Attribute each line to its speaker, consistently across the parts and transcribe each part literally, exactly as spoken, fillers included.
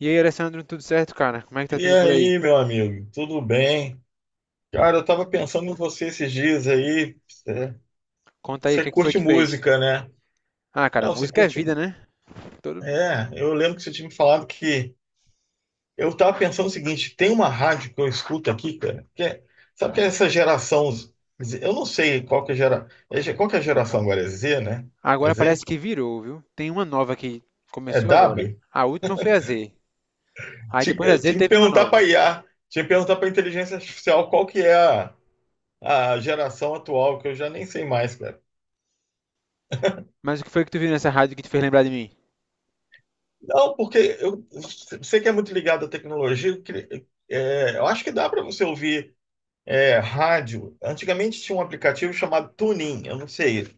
Speaker 1: E aí, Alessandro, tudo certo, cara? Como é que tá
Speaker 2: E
Speaker 1: tudo por aí?
Speaker 2: aí, meu amigo, tudo bem? Cara, eu tava pensando em você esses dias aí. Você,
Speaker 1: Conta aí, o
Speaker 2: você
Speaker 1: que que foi
Speaker 2: curte
Speaker 1: que fez?
Speaker 2: música, né?
Speaker 1: Ah, cara,
Speaker 2: Não, você
Speaker 1: música é vida,
Speaker 2: curte.
Speaker 1: né? Todo-
Speaker 2: É, eu lembro que você tinha me falado que. Eu tava pensando o seguinte: tem uma rádio que eu escuto aqui, cara, que é- sabe que é essa geração. Z- Eu não sei qual que é a gera, é ge- qual que é a geração agora? É Z, né? É
Speaker 1: Agora parece
Speaker 2: Z?
Speaker 1: que virou, viu? Tem uma nova que
Speaker 2: É
Speaker 1: começou agora.
Speaker 2: W?
Speaker 1: A última foi a Z. Aí
Speaker 2: Tinha,
Speaker 1: depois da
Speaker 2: eu
Speaker 1: Z
Speaker 2: tinha que
Speaker 1: teve uma
Speaker 2: perguntar
Speaker 1: nova.
Speaker 2: para I A, tinha que perguntar para inteligência artificial qual que é a, a geração atual, que eu já nem sei mais.
Speaker 1: Mas o que foi que tu viu nessa rádio que te fez lembrar de mim?
Speaker 2: Não, porque eu sei que é muito ligado à tecnologia. Eu, queria- é, eu acho que dá para você ouvir é, rádio. Antigamente tinha um aplicativo chamado TuneIn. Eu não sei.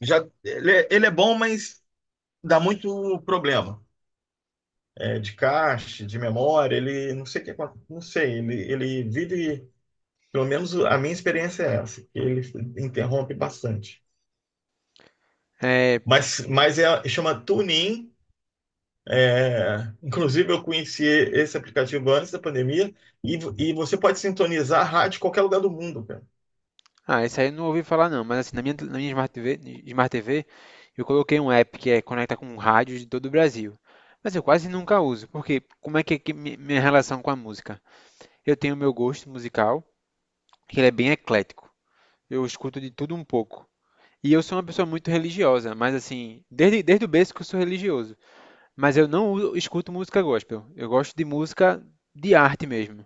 Speaker 2: Já ele, é ele é bom, mas dá muito problema é, de cache, de memória. Ele não sei o que acon- não sei. Ele ele vive, pelo menos a minha experiência é essa. Que Ele interrompe bastante.
Speaker 1: É...
Speaker 2: Mas mas é chama TuneIn. É, inclusive, eu conheci esse aplicativo antes da pandemia e, vo- e você pode sintonizar a rádio em qualquer lugar do mundo, cara.
Speaker 1: Ah, isso aí eu não ouvi falar não, mas assim, na minha, na minha Smart T V, Smart T V, eu coloquei um app que é conecta com rádios de todo o Brasil. Mas eu quase nunca uso, porque como é que é que mi- minha relação com a música? Eu tenho o meu gosto musical, que ele é bem eclético. Eu escuto de tudo um pouco. E eu sou uma pessoa muito religiosa, mas assim, desde, desde o berço que eu sou religioso. Mas eu não uso- escuto música gospel. Eu gosto de música de arte mesmo.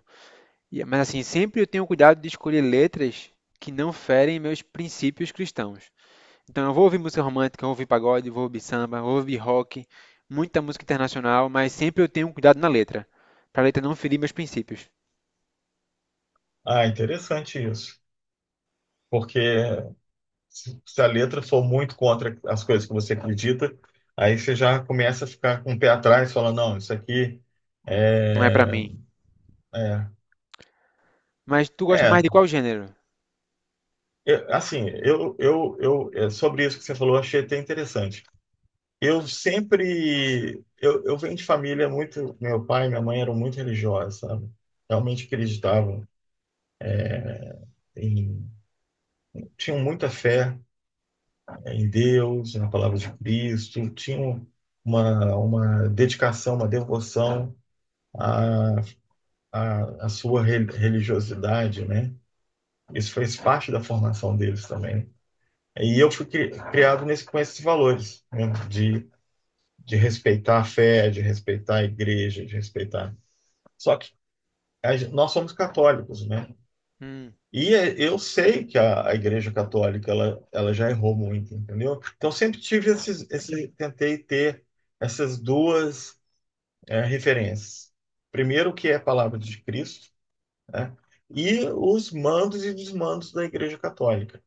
Speaker 1: E- mas assim, sempre eu tenho cuidado de escolher letras que não ferem meus princípios cristãos. Então eu vou ouvir música romântica, eu vou ouvir pagode, vou ouvir samba, vou ouvir rock, muita música internacional, mas sempre eu tenho cuidado na letra, pra letra não ferir meus princípios.
Speaker 2: Ah, interessante isso. Porque se se a letra for muito contra as coisas que você acredita, aí você já começa a ficar com o pé atrás, falando, não, isso aqui
Speaker 1: Não é pra
Speaker 2: é,
Speaker 1: mim.
Speaker 2: é,
Speaker 1: Mas tu gosta mais
Speaker 2: é.
Speaker 1: de qual gênero?
Speaker 2: Eu- assim, eu, eu, eu, é, sobre isso que você falou, eu achei até interessante. Eu sempre. Eu, eu venho de família muito. Meu pai e minha mãe eram muito religiosos, sabe? Realmente acreditavam em. Tinham muita fé, né, em Deus, na palavra de Cristo, tinham uma, uma dedicação, uma devoção à, à, à sua re- religiosidade, né? Isso fez parte da formação deles também. E eu fui cri- criado nesse, com esses valores, né? De, de respeitar a fé, de respeitar a igreja, de respeitar. Só que a nós somos católicos, né?
Speaker 1: Hum,
Speaker 2: E é- eu sei que a, a Igreja Católica ela, ela já errou muito, entendeu? Então sempre tive esses, esse, tentei ter essas duas é, referências. Primeiro o que é a palavra de Cristo, né? E os mandos e desmandos da Igreja Católica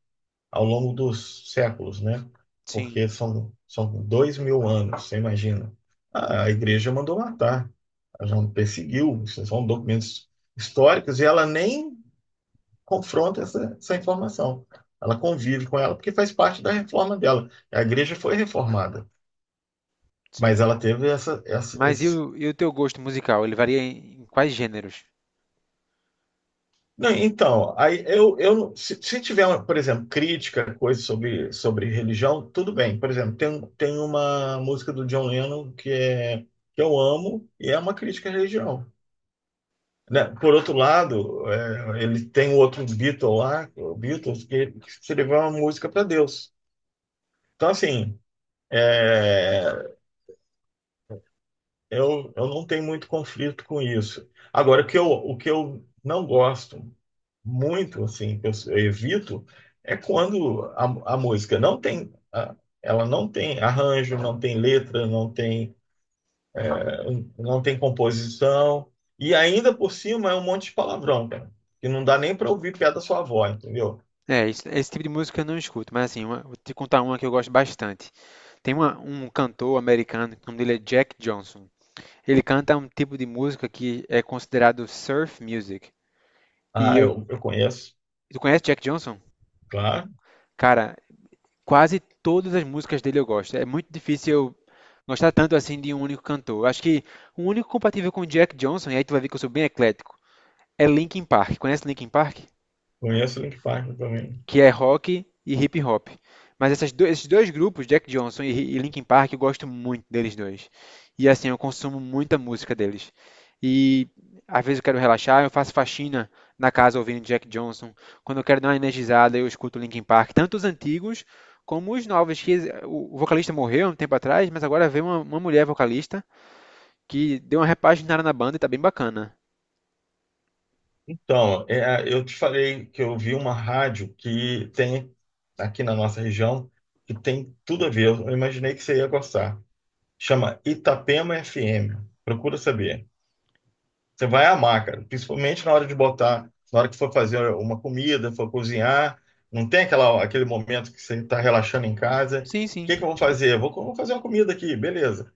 Speaker 2: ao longo dos séculos, né?
Speaker 1: sim,
Speaker 2: Porque são são dois mil anos, você imagina? A, a Igreja mandou matar, ela já perseguiu, são documentos históricos e ela nem confronta essa, essa informação. Ela convive com ela porque faz parte da reforma dela. A igreja foi reformada,
Speaker 1: sim.
Speaker 2: mas ela teve essa, essa
Speaker 1: Mas e
Speaker 2: esses
Speaker 1: o, e o teu gosto musical? Ele varia em, em quais gêneros?
Speaker 2: não, então, aí eu, eu se, se tiver, por exemplo, crítica, coisa sobre, sobre religião, tudo bem. Por exemplo, tem, tem uma música do John Lennon que, é, que eu amo e é uma crítica à religião. Né? Por outro lado, é, ele tem o outro Beatle lá, o Beatles, que, que escreveu uma música para Deus. Então, assim, é, eu, eu não tenho muito conflito com isso. Agora, o que eu, o que eu não gosto muito, assim, que eu, eu evito, é quando a, a música não tem, ah, ela não tem arranjo, não tem letra, não tem, eh, não tem composição, e ainda por cima é um monte de palavrão, cara, que não dá nem para ouvir piada da sua avó, entendeu?
Speaker 1: É, isso- esse tipo de música eu não escuto, mas assim, uma- vou te contar uma que eu gosto bastante. Tem uma- um cantor americano, o nome dele é Jack Johnson. Ele canta um tipo de música que é considerado surf music. E
Speaker 2: Ah,
Speaker 1: eu,
Speaker 2: eu, eu conheço,
Speaker 1: tu conhece Jack Johnson?
Speaker 2: claro,
Speaker 1: Cara, quase todas as músicas dele eu gosto. É muito difícil eu gostar tanto assim de um único cantor. Acho que o único compatível com Jack Johnson, e aí tu vai ver que eu sou bem eclético, é Linkin Park. Conhece Linkin Park?
Speaker 2: conheço o Link Park também.
Speaker 1: Que é rock e hip hop. Mas essas do- esses dois grupos, Jack Johnson e, e Linkin Park, eu gosto muito deles dois. E assim, eu consumo muita música deles. E às vezes eu quero relaxar, eu faço faxina na casa ouvindo Jack Johnson. Quando eu quero dar uma energizada, eu escuto Linkin Park, tanto os antigos como os novos, que o vocalista morreu há um tempo atrás, mas agora veio uma, uma mulher vocalista que deu uma repaginada na banda e tá bem bacana.
Speaker 2: Então, é, eu te falei que eu vi uma rádio que tem aqui na nossa região que tem tudo a ver. Eu imaginei que você ia gostar. Chama Itapema F M. Procura saber. Você vai amar, cara. Principalmente na hora de botar, na hora que for fazer uma comida, for cozinhar. Não tem aquela, aquele momento que você está relaxando em casa.
Speaker 1: Sim,
Speaker 2: O
Speaker 1: sim.
Speaker 2: que que eu vou fazer? Vou, co- vou fazer uma comida aqui, beleza.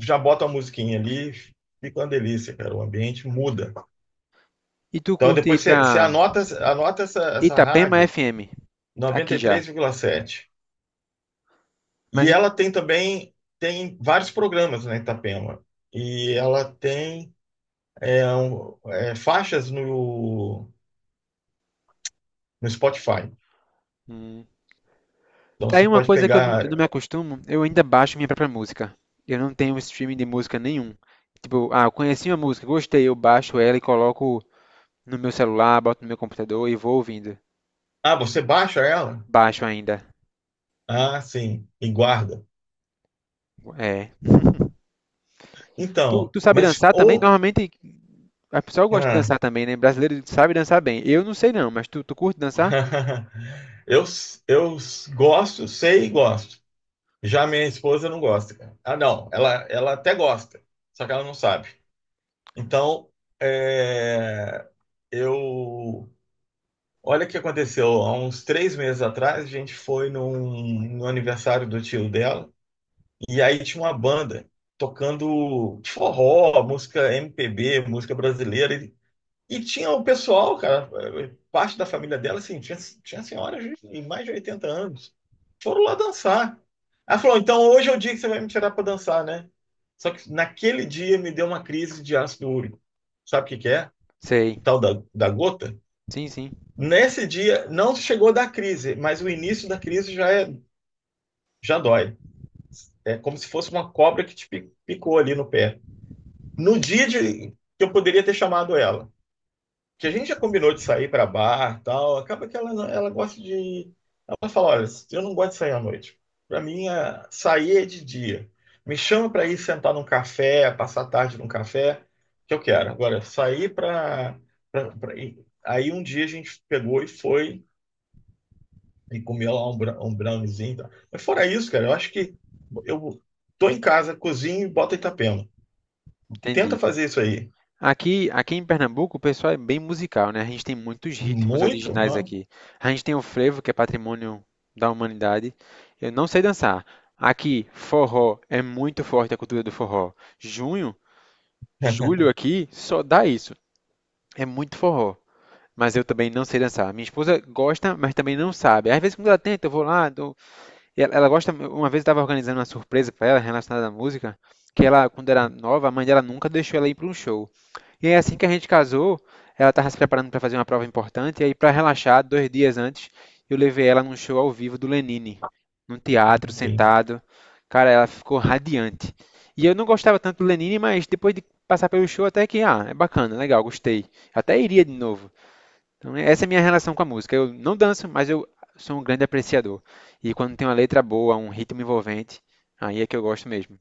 Speaker 2: Já bota uma musiquinha ali, fica uma delícia, cara. O ambiente muda.
Speaker 1: E tu
Speaker 2: Então
Speaker 1: curte ir
Speaker 2: depois
Speaker 1: pra
Speaker 2: você, você anota, anota essa, essa
Speaker 1: Itapema
Speaker 2: rádio
Speaker 1: F M, aqui já.
Speaker 2: noventa e três vírgula sete. E três vírgula sete.
Speaker 1: Mas
Speaker 2: E
Speaker 1: e-
Speaker 2: ela tem também tem vários programas na Itapema. E ela tem é, um, é, faixas no, no Spotify.
Speaker 1: hum,
Speaker 2: Então
Speaker 1: tem
Speaker 2: você
Speaker 1: uma
Speaker 2: pode
Speaker 1: coisa que eu não, eu não
Speaker 2: pegar.
Speaker 1: me acostumo, eu ainda baixo minha própria música. Eu não tenho streaming de música nenhum. Tipo, ah, eu conheci uma música, gostei, eu baixo ela e coloco no meu celular, boto no meu computador e vou ouvindo.
Speaker 2: Ah, você baixa ela?
Speaker 1: Baixo ainda.
Speaker 2: Ah, sim, e guarda.
Speaker 1: É. Tu,
Speaker 2: Então,
Speaker 1: tu sabe
Speaker 2: mas
Speaker 1: dançar também?
Speaker 2: ou
Speaker 1: Normalmente a pessoa gosta de
Speaker 2: ah,
Speaker 1: dançar também, né? Brasileiro sabe dançar bem. Eu não sei não, mas tu, tu curte dançar?
Speaker 2: eu, eu gosto, sei e gosto. Já minha esposa não gosta, cara. Ah, não, ela, ela até gosta, só que ela não sabe. Então, é, eu. Olha o que aconteceu. Há uns três meses atrás, a gente foi num- no aniversário do tio dela, e aí tinha uma banda tocando tipo, forró, música M P B, música brasileira. E, e tinha o pessoal, cara, parte da família dela, assim, tinha, tinha senhoras de mais de oitenta anos. Foram lá dançar. Ela falou: então hoje é o dia que você vai me tirar para dançar, né? Só que naquele dia me deu uma crise de ácido úrico. Sabe o que que é?
Speaker 1: Sei.
Speaker 2: Tal da, da gota,
Speaker 1: Sim, sim.
Speaker 2: nesse dia não chegou da crise, mas o início da crise já, é, já dói. É como se fosse uma cobra que te picou ali no pé. No dia de, que eu poderia ter chamado ela, que a gente já combinou de sair para bar e tal, acaba que ela, ela gosta de. Ela fala: olha, eu não gosto de sair à noite. Para mim, a- sair é de dia. Me chama para ir sentar num café, passar a tarde num café, que eu quero. Agora, sair para. Aí um dia a gente pegou e foi e comia lá um, bra- um browniezinho e tal. Mas fora isso, cara, eu acho que eu tô em casa, cozinho e boto Itapema. Tenta
Speaker 1: Entendi.
Speaker 2: fazer isso aí.
Speaker 1: Aqui, aqui em Pernambuco, o pessoal é bem musical, né? A gente tem muitos ritmos
Speaker 2: Muito,
Speaker 1: originais
Speaker 2: ó,
Speaker 1: aqui. A gente tem o frevo, que é patrimônio da humanidade. Eu não sei dançar. Aqui, forró é muito forte a cultura do forró. Junho, julho aqui só dá isso. É muito forró. Mas eu também não sei dançar. Minha esposa gosta, mas também não sabe. Às vezes, quando ela tenta, eu vou lá. dou- e Ela, ela gosta. Uma vez eu estava organizando uma surpresa para ela relacionada à música, que ela, quando era nova, a mãe dela nunca deixou ela ir para um show. E aí, assim que a gente casou, ela estava se preparando para fazer uma prova importante, e aí, para relaxar, dois dias antes, eu levei ela num show ao vivo do Lenine, num teatro,
Speaker 2: assim.
Speaker 1: sentado. Cara, ela ficou radiante. E eu não gostava tanto do Lenine, mas depois de passar pelo show, até que, ah, é bacana, legal, gostei. Até iria de novo. Então, essa é a minha relação com a música. Eu não danço, mas eu sou um grande apreciador. E quando tem uma letra boa, um ritmo envolvente, aí é que eu gosto mesmo.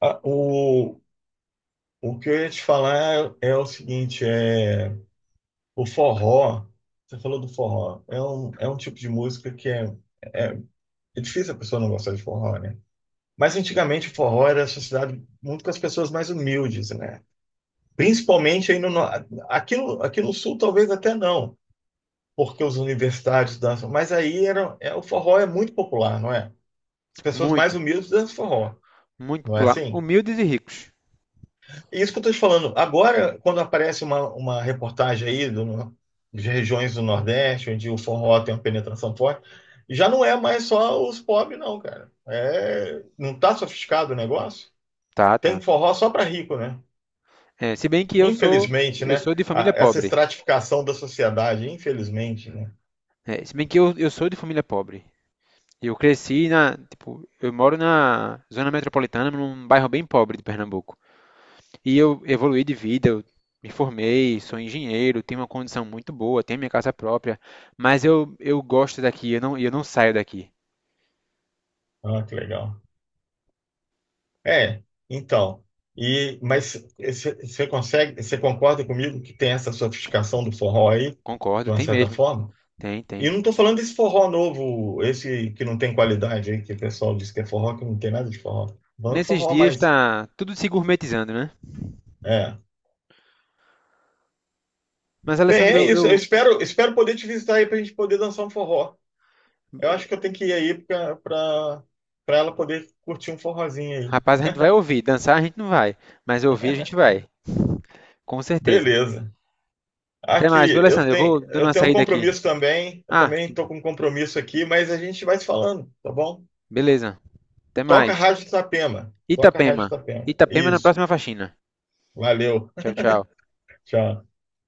Speaker 2: Ah, o, o que eu ia te falar é, é o seguinte, é o forró. Você falou do forró. É um, é um tipo de música que é, é, é difícil a pessoa não gostar de forró, né? Mas antigamente o forró era associado muito com as pessoas mais humildes, né? Principalmente aí no, no- aqui no, aqui no sul, talvez até não, porque os universitários dançam. Mas aí era, é, o forró é muito popular, não é? As pessoas mais
Speaker 1: Muito,
Speaker 2: humildes dançam forró,
Speaker 1: muito
Speaker 2: não é
Speaker 1: popular.
Speaker 2: assim?
Speaker 1: Humildes e ricos.
Speaker 2: E isso que eu estou te falando. Agora, quando aparece uma, uma reportagem aí do, de regiões do Nordeste, onde o forró tem uma penetração forte, já não é mais só os pobres, não, cara. É, não está sofisticado o negócio?
Speaker 1: Tá,
Speaker 2: Tem
Speaker 1: tá.
Speaker 2: forró só para rico, né?
Speaker 1: É, se bem que eu sou,
Speaker 2: Infelizmente,
Speaker 1: eu
Speaker 2: né?
Speaker 1: sou de
Speaker 2: A-
Speaker 1: família
Speaker 2: Essa
Speaker 1: pobre.
Speaker 2: estratificação da sociedade, infelizmente, né?
Speaker 1: É, se bem que eu, eu sou de família pobre. Eu cresci na, tipo, eu moro na zona metropolitana, num bairro bem pobre de Pernambuco. E eu evoluí de vida, eu me formei, sou engenheiro, tenho uma condição muito boa, tenho minha casa própria, mas eu, eu gosto daqui, eu não, eu não saio daqui.
Speaker 2: Ah, que legal. É, então. E, mas você consegue, você concorda comigo que tem essa sofisticação do forró aí, de
Speaker 1: Concordo,
Speaker 2: uma
Speaker 1: tem
Speaker 2: certa
Speaker 1: mesmo.
Speaker 2: forma?
Speaker 1: Tem,
Speaker 2: E eu
Speaker 1: tem.
Speaker 2: não estou falando desse forró novo, esse que não tem qualidade aí, que o pessoal diz que é forró, que não tem nada de forró. Vamos
Speaker 1: Nesses
Speaker 2: forró,
Speaker 1: dias
Speaker 2: mais.
Speaker 1: tá tudo se gourmetizando, né?
Speaker 2: É.
Speaker 1: Mas,
Speaker 2: Bem,
Speaker 1: Alessandro,
Speaker 2: é
Speaker 1: eu,
Speaker 2: isso. Eu
Speaker 1: eu-
Speaker 2: espero, espero poder te visitar aí para a gente poder dançar um forró. Eu acho que eu tenho que ir aí para para ela poder curtir um forrozinho aí.
Speaker 1: rapaz, a gente vai ouvir. Dançar a gente não vai, mas ouvir a gente vai, com certeza.
Speaker 2: Beleza.
Speaker 1: Até
Speaker 2: Aqui,
Speaker 1: mais, viu,
Speaker 2: eu
Speaker 1: Alessandro? Eu
Speaker 2: tenho,
Speaker 1: vou dando
Speaker 2: eu
Speaker 1: uma
Speaker 2: tenho um
Speaker 1: saída aqui.
Speaker 2: compromisso também. Eu
Speaker 1: Ah,
Speaker 2: também
Speaker 1: que
Speaker 2: estou
Speaker 1: bom.
Speaker 2: com um compromisso aqui, mas a gente vai se falando, tá bom?
Speaker 1: Beleza. Até
Speaker 2: Toca a
Speaker 1: mais.
Speaker 2: Rádio Itapema. Toca a Rádio
Speaker 1: Itapema.
Speaker 2: Itapema.
Speaker 1: Itapema na
Speaker 2: Isso.
Speaker 1: próxima faxina.
Speaker 2: Valeu.
Speaker 1: Tchau, tchau.
Speaker 2: Tchau.